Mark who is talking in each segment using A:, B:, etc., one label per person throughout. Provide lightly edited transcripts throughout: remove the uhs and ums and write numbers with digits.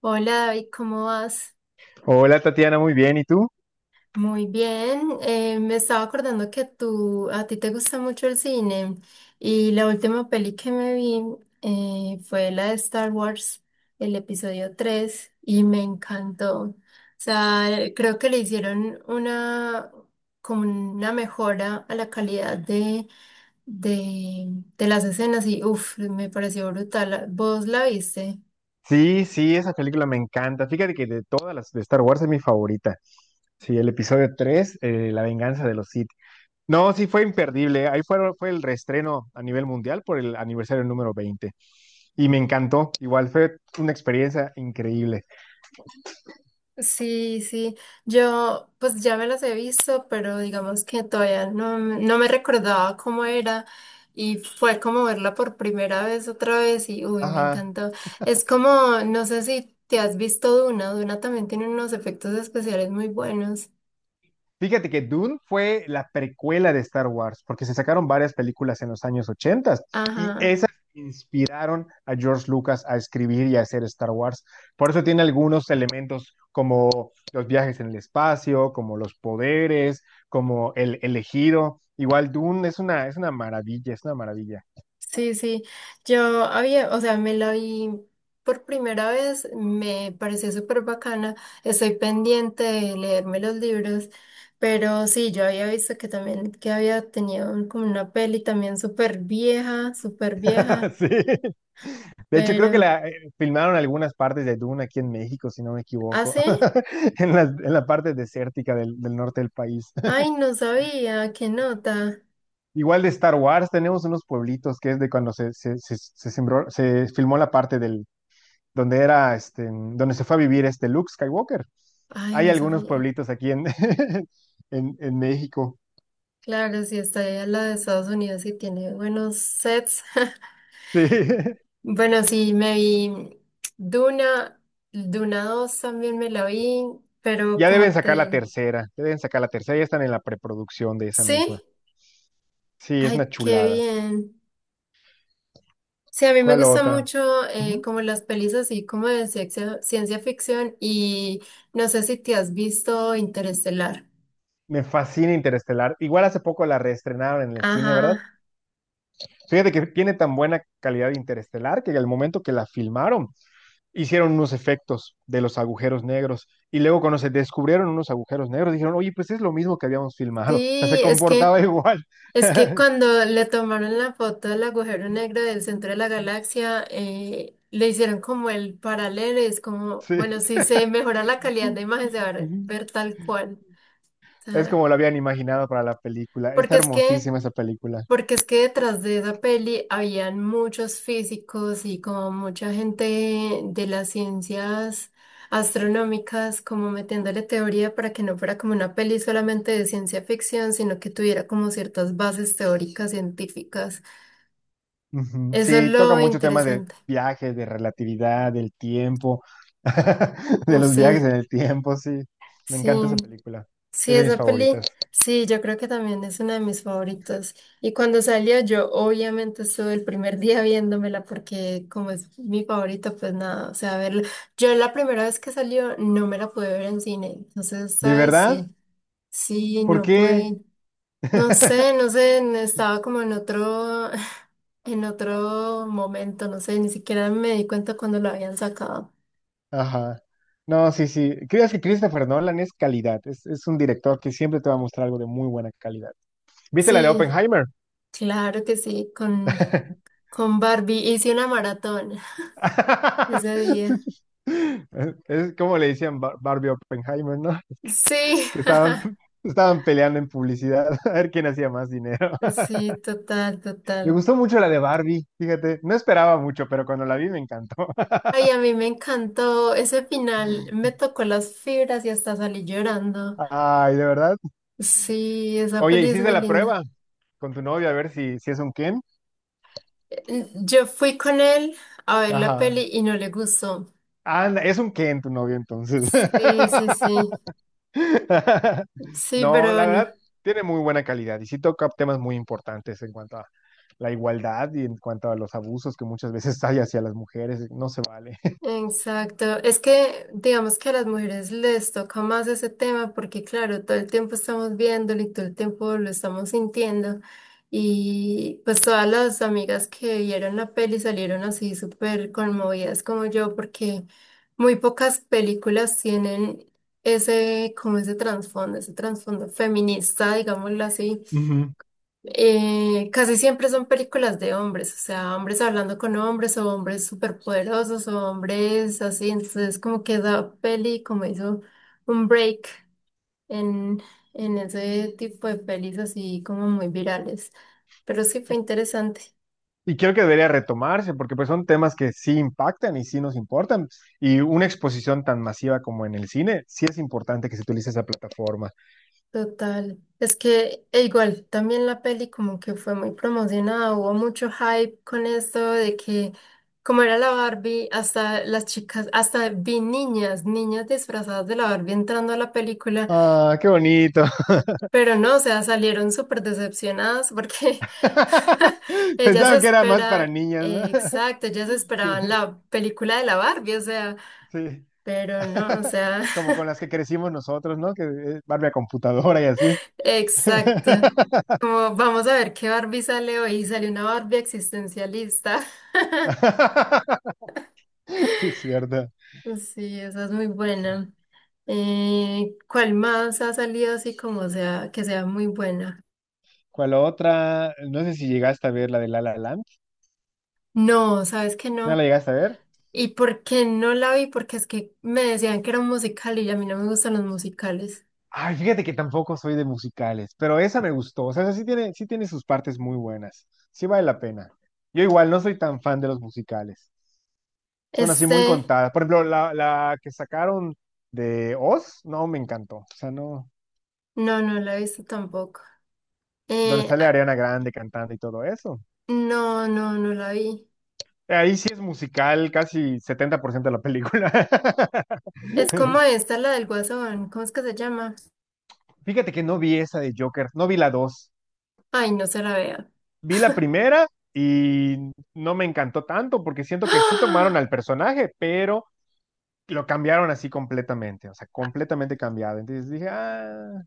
A: Hola David, ¿cómo vas?
B: Hola Tatiana, muy bien. ¿Y tú?
A: Muy bien. Me estaba acordando que a ti te gusta mucho el cine y la última peli que me vi fue la de Star Wars, el episodio 3 y me encantó. O sea, creo que le hicieron una, como una mejora a la calidad de, de las escenas y uff, me pareció brutal. ¿Vos la viste?
B: Sí, sí, esa película me encanta. Fíjate que de todas las de Star Wars es mi favorita. Sí, el episodio 3, La venganza de los Sith. No, sí, fue imperdible. Fue el reestreno a nivel mundial por el aniversario número 20. Y me encantó. Igual fue una experiencia increíble.
A: Sí, sí, yo pues ya me las he visto, pero digamos que todavía no me recordaba cómo era y fue como verla por primera vez otra vez y uy, me
B: Ajá.
A: encantó. Es como, no sé si te has visto Duna, Duna también tiene unos efectos especiales muy buenos.
B: Fíjate que Dune fue la precuela de Star Wars, porque se sacaron varias películas en los años 80 y
A: Ajá.
B: esas inspiraron a George Lucas a escribir y a hacer Star Wars. Por eso tiene algunos elementos como los viajes en el espacio, como los poderes, como el elegido. Igual Dune es una maravilla, es una maravilla.
A: Sí, sí, yo había, o sea, me la vi por primera vez, me pareció súper bacana, estoy pendiente de leerme los libros, pero sí, yo había visto que también, que había tenido como una peli también súper vieja,
B: Sí. De hecho, creo que
A: pero,
B: la filmaron algunas partes de Dune aquí en México, si no me
A: ¿ah,
B: equivoco.
A: sí?
B: En la parte desértica del norte del país.
A: Ay, no sabía, qué nota,
B: Igual de Star Wars, tenemos unos pueblitos que es de cuando se se filmó la parte del, donde era, este, donde se fue a vivir este Luke Skywalker.
A: ay,
B: Hay
A: no
B: algunos
A: sabía.
B: pueblitos aquí en, en México.
A: Claro, si está ahí a la de Estados Unidos y tiene buenos sets.
B: Sí.
A: Bueno, sí, me vi Duna, Duna dos también me la vi, pero
B: Ya deben
A: como
B: sacar la
A: te...
B: tercera, ya deben sacar la tercera, ya están en la preproducción de esa misma.
A: Sí,
B: Sí, es una
A: ay, qué
B: chulada.
A: bien. Sí, a mí me
B: ¿Cuál
A: gusta
B: otra?
A: mucho
B: Ujú.
A: como las pelis así como de ciencia, ciencia ficción y no sé si te has visto Interestelar.
B: Me fascina Interestelar. Igual hace poco la reestrenaron en el cine, ¿verdad?
A: Ajá,
B: Fíjate que tiene tan buena calidad de Interestelar que al momento que la filmaron, hicieron unos efectos de los agujeros negros y luego cuando se descubrieron unos agujeros negros dijeron, oye, pues es lo mismo que habíamos filmado, o sea, se
A: sí, es que...
B: comportaba igual.
A: Es que cuando le tomaron la foto del agujero negro del centro de la galaxia, le hicieron como el paralelo, y es como, bueno,
B: Sí,
A: si se mejora la calidad de imagen, se va a ver
B: ujú,
A: ver tal cual. O
B: es
A: sea,
B: como lo habían imaginado para la película, está
A: porque es que,
B: hermosísima esa película.
A: porque es que detrás de esa peli habían muchos físicos y como mucha gente de las ciencias astronómicas, como metiéndole teoría para que no fuera como una peli solamente de ciencia ficción, sino que tuviera como ciertas bases teóricas científicas.
B: Ujú.
A: Eso es
B: Sí, toca
A: lo
B: mucho tema de
A: interesante.
B: viajes de relatividad, del tiempo, de
A: Uf,
B: los
A: sí,
B: viajes en el tiempo, sí, me encanta esa
A: sí,
B: película,
A: sí,
B: es de mis
A: esa peli,
B: favoritas.
A: sí, yo creo que también es una de mis favoritas. Y cuando salió, yo obviamente estuve el primer día viéndomela porque como es mi favorita, pues nada, o sea, verla. Yo la primera vez que salió no me la pude ver en cine, entonces
B: ¿De
A: esta vez
B: verdad?
A: sí, sí,
B: ¿Por
A: no
B: qué?
A: pude, no sé, no sé, estaba como en otro, en otro momento, no sé, ni siquiera me di cuenta cuando la habían sacado.
B: Ajá. No, sí, sí. Creo que Christopher Nolan es calidad. Es un director que siempre te va a mostrar algo de muy buena calidad. ¿Viste la de
A: Sí.
B: Oppenheimer?
A: Claro que sí, con Barbie hice una maratón ese día.
B: Es como le decían Barbie Oppenheimer, ¿no?
A: Sí,
B: Que estaban, estaban peleando en publicidad a ver quién hacía más dinero.
A: sí, total,
B: Me
A: total.
B: gustó mucho la de Barbie, fíjate. No esperaba mucho, pero cuando la vi me encantó.
A: Ay, a mí me encantó ese final, me tocó las fibras y hasta salí llorando.
B: Ay, de verdad.
A: Sí, esa
B: Oye,
A: peli es
B: ¿hiciste
A: muy
B: la
A: linda.
B: prueba con tu novio a ver si es un Ken?
A: Yo fui con él a ver la peli
B: Ajá.
A: y no le gustó.
B: Ah, anda, es un Ken tu novio entonces.
A: Sí, sí, sí, sí,
B: No,
A: pero
B: la
A: bueno.
B: verdad, tiene muy buena calidad y sí toca temas muy importantes en cuanto a la igualdad y en cuanto a los abusos que muchas veces hay hacia las mujeres, no se vale.
A: Exacto, es que digamos que a las mujeres les toca más ese tema porque claro, todo el tiempo estamos viéndolo y todo el tiempo lo estamos sintiendo y pues todas las amigas que vieron la peli salieron así súper conmovidas como yo porque muy pocas películas tienen ese como ese trasfondo feminista, digámoslo así.
B: Ujú.
A: Casi siempre son películas de hombres, o sea, hombres hablando con hombres o hombres superpoderosos o hombres así, entonces como que esa peli como hizo un break en, en ese tipo de pelis así como muy virales, pero sí fue interesante.
B: Y creo que debería retomarse porque pues son temas que sí impactan y sí nos importan. Y una exposición tan masiva como en el cine, sí es importante que se utilice esa plataforma.
A: Total. Es que e igual también la peli como que fue muy promocionada, hubo mucho hype con esto de que como era la Barbie, hasta las chicas, hasta vi niñas, niñas disfrazadas de la Barbie entrando a la película,
B: Ah, qué bonito.
A: pero no, o sea, salieron súper decepcionadas porque ellas
B: Pensaban que era más para
A: esperan,
B: niñas, ¿no?
A: exacto, ellas
B: Sí.
A: esperaban la película de la Barbie, o sea,
B: Sí.
A: pero no, o sea...
B: Como con las que crecimos nosotros, ¿no? Que es Barbie a computadora y así.
A: Exacto. Como vamos a ver qué Barbie sale hoy. Salió una Barbie existencialista.
B: Sí, es cierto.
A: Sí, esa es muy buena. ¿Cuál más ha salido así como sea, que sea muy buena?
B: ¿Cuál otra? No sé si llegaste a ver la de La La Land.
A: No, sabes que
B: ¿No la
A: no.
B: llegaste a ver?
A: ¿Y por qué no la vi? Porque es que me decían que era un musical y a mí no me gustan los musicales.
B: Ay, fíjate que tampoco soy de musicales, pero esa me gustó. O sea, esa sí tiene sus partes muy buenas. Sí vale la pena. Yo igual no soy tan fan de los musicales. Son así
A: Este,
B: muy contadas. Por ejemplo, la que sacaron de Oz, no me encantó. O sea, no.
A: no, no la he visto tampoco.
B: Donde
A: Eh,
B: sale
A: ah,
B: Ariana Grande cantando y todo eso.
A: no, no, no la vi.
B: Ahí sí es musical, casi 70% de la película.
A: Es como esta, la del Guasón. ¿Cómo es que se llama?
B: Fíjate que no vi esa de Joker, no vi la dos.
A: Ay, no se la vea.
B: Vi la primera y no me encantó tanto porque siento que sí tomaron
A: ¡Ah!
B: al personaje, pero lo cambiaron así completamente, o sea, completamente cambiado. Entonces dije, ah,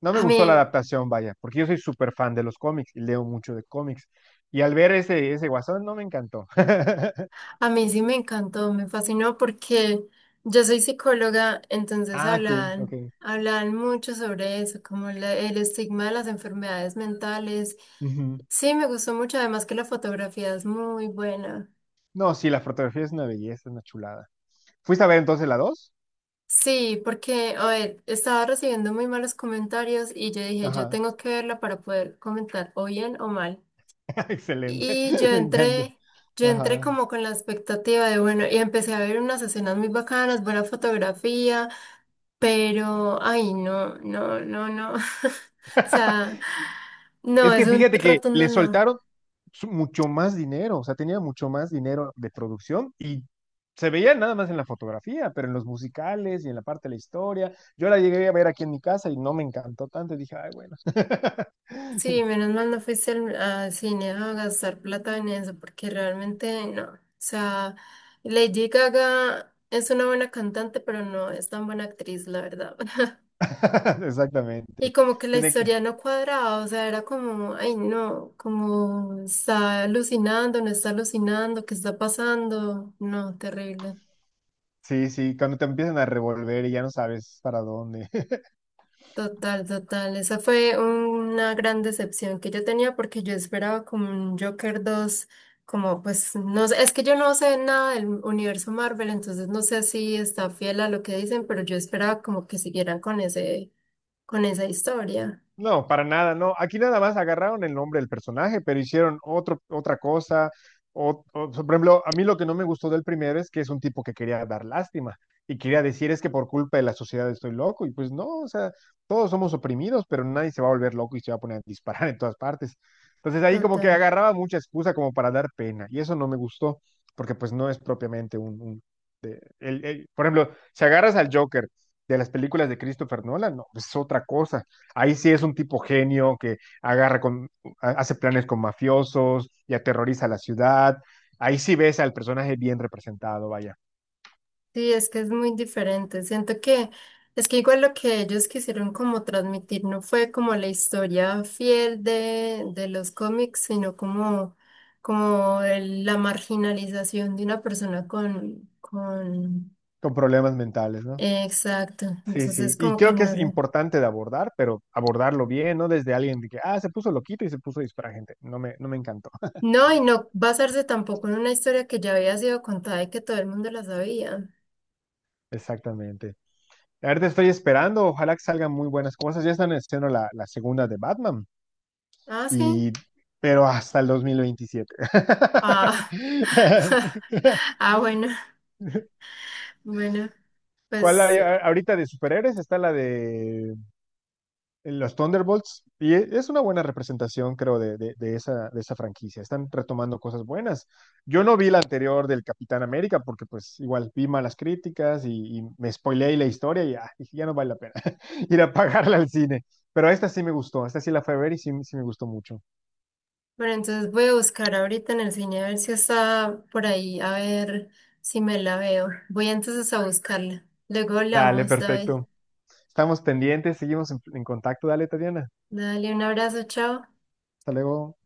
B: no me
A: A mí,
B: gustó la adaptación, vaya, porque yo soy súper fan de los cómics y leo mucho de cómics. Y al ver ese guasón, no me encantó.
A: a mí sí me encantó, me fascinó porque yo soy psicóloga, entonces
B: Ah, ok, ok.
A: hablan, hablan mucho sobre eso, como el estigma de las enfermedades mentales.
B: Ujú.
A: Sí, me gustó mucho, además que la fotografía es muy buena.
B: No, sí, la fotografía es una belleza, es una chulada. ¿Fuiste a ver entonces la dos?
A: Sí, porque, a ver, estaba recibiendo muy malos comentarios y yo dije, yo
B: Ajá,
A: tengo que verla para poder comentar o bien o mal.
B: excelente,
A: Y yo
B: me encanta.
A: entré, yo entré
B: Ajá.
A: como con la expectativa de, bueno, y empecé a ver unas escenas muy bacanas, buena fotografía, pero, ay, no, no, no, no. O sea, no,
B: Es que
A: es un
B: fíjate que
A: rotundo
B: le
A: no.
B: soltaron mucho más dinero, o sea, tenía mucho más dinero de producción y se veía nada más en la fotografía, pero en los musicales y en la parte de la historia. Yo la llegué a ver aquí en mi casa y no me encantó tanto, y dije, ay, bueno.
A: Sí, menos mal no fuiste al cine a gastar plata en eso, porque realmente no. O sea, Lady Gaga es una buena cantante, pero no es tan buena actriz, la verdad. Y
B: Exactamente.
A: como que la
B: Tiene que,
A: historia no cuadraba, o sea, era como, ay no, como está alucinando, no está alucinando, ¿qué está pasando? No, terrible.
B: sí, sí, cuando te empiezan a revolver y ya no sabes para dónde.
A: Total, total. Esa fue una gran decepción que yo tenía porque yo esperaba como un Joker 2, como pues no sé, es que yo no sé nada del universo Marvel, entonces no sé si está fiel a lo que dicen, pero yo esperaba como que siguieran con ese, con esa historia.
B: No, para nada, no. Aquí nada más agarraron el nombre del personaje, pero hicieron otro, otra cosa. Por ejemplo, a mí lo que no me gustó del primero es que es un tipo que quería dar lástima y quería decir es que por culpa de la sociedad estoy loco. Y pues no, o sea, todos somos oprimidos, pero nadie se va a volver loco y se va a poner a disparar en todas partes. Entonces ahí como que
A: Total.
B: agarraba mucha excusa como para dar pena y eso no me gustó porque pues no es propiamente un por ejemplo, si agarras al Joker de las películas de Christopher Nolan, no, es otra cosa. Ahí sí es un tipo genio que agarra con, hace planes con mafiosos y aterroriza a la ciudad. Ahí sí ves al personaje bien representado, vaya,
A: Sí, es que es muy diferente. Siento que es que igual lo que ellos quisieron como transmitir no fue como la historia fiel de los cómics, sino como, como la marginalización de una persona con...
B: con problemas mentales, ¿no?
A: Exacto.
B: Sí,
A: Entonces
B: sí. Y
A: como que
B: creo
A: no
B: que es
A: sé.
B: importante de abordar, pero abordarlo bien, no desde alguien de que, ah, se puso loquito y se puso a disparar gente. No me encantó.
A: No, y no basarse tampoco en una historia que ya había sido contada y que todo el mundo la sabía.
B: Exactamente. Ahorita estoy esperando, ojalá que salgan muy buenas cosas. Ya están haciendo la segunda de Batman.
A: Ah, sí.
B: y, pero hasta el 2027.
A: Ah. Ah, bueno. Bueno.
B: ¿Cuál
A: Pues
B: hay? Ahorita de superhéroes está la de los Thunderbolts y es una buena representación, creo, de, de esa franquicia. Están retomando cosas buenas. Yo no vi la anterior del Capitán América porque pues igual vi malas críticas y me spoileé la historia y ah, dije, ya no vale la pena ir a pagarla al cine. Pero esta sí me gustó, esta sí la fui a ver y sí, sí me gustó mucho.
A: bueno, entonces voy a buscar ahorita en el cine a ver si está por ahí, a ver si me la veo. Voy entonces a buscarla. Luego
B: Dale,
A: hablamos, David.
B: perfecto. Estamos pendientes, seguimos en contacto. Dale, Tatiana.
A: Dale un abrazo, chao.
B: Hasta luego.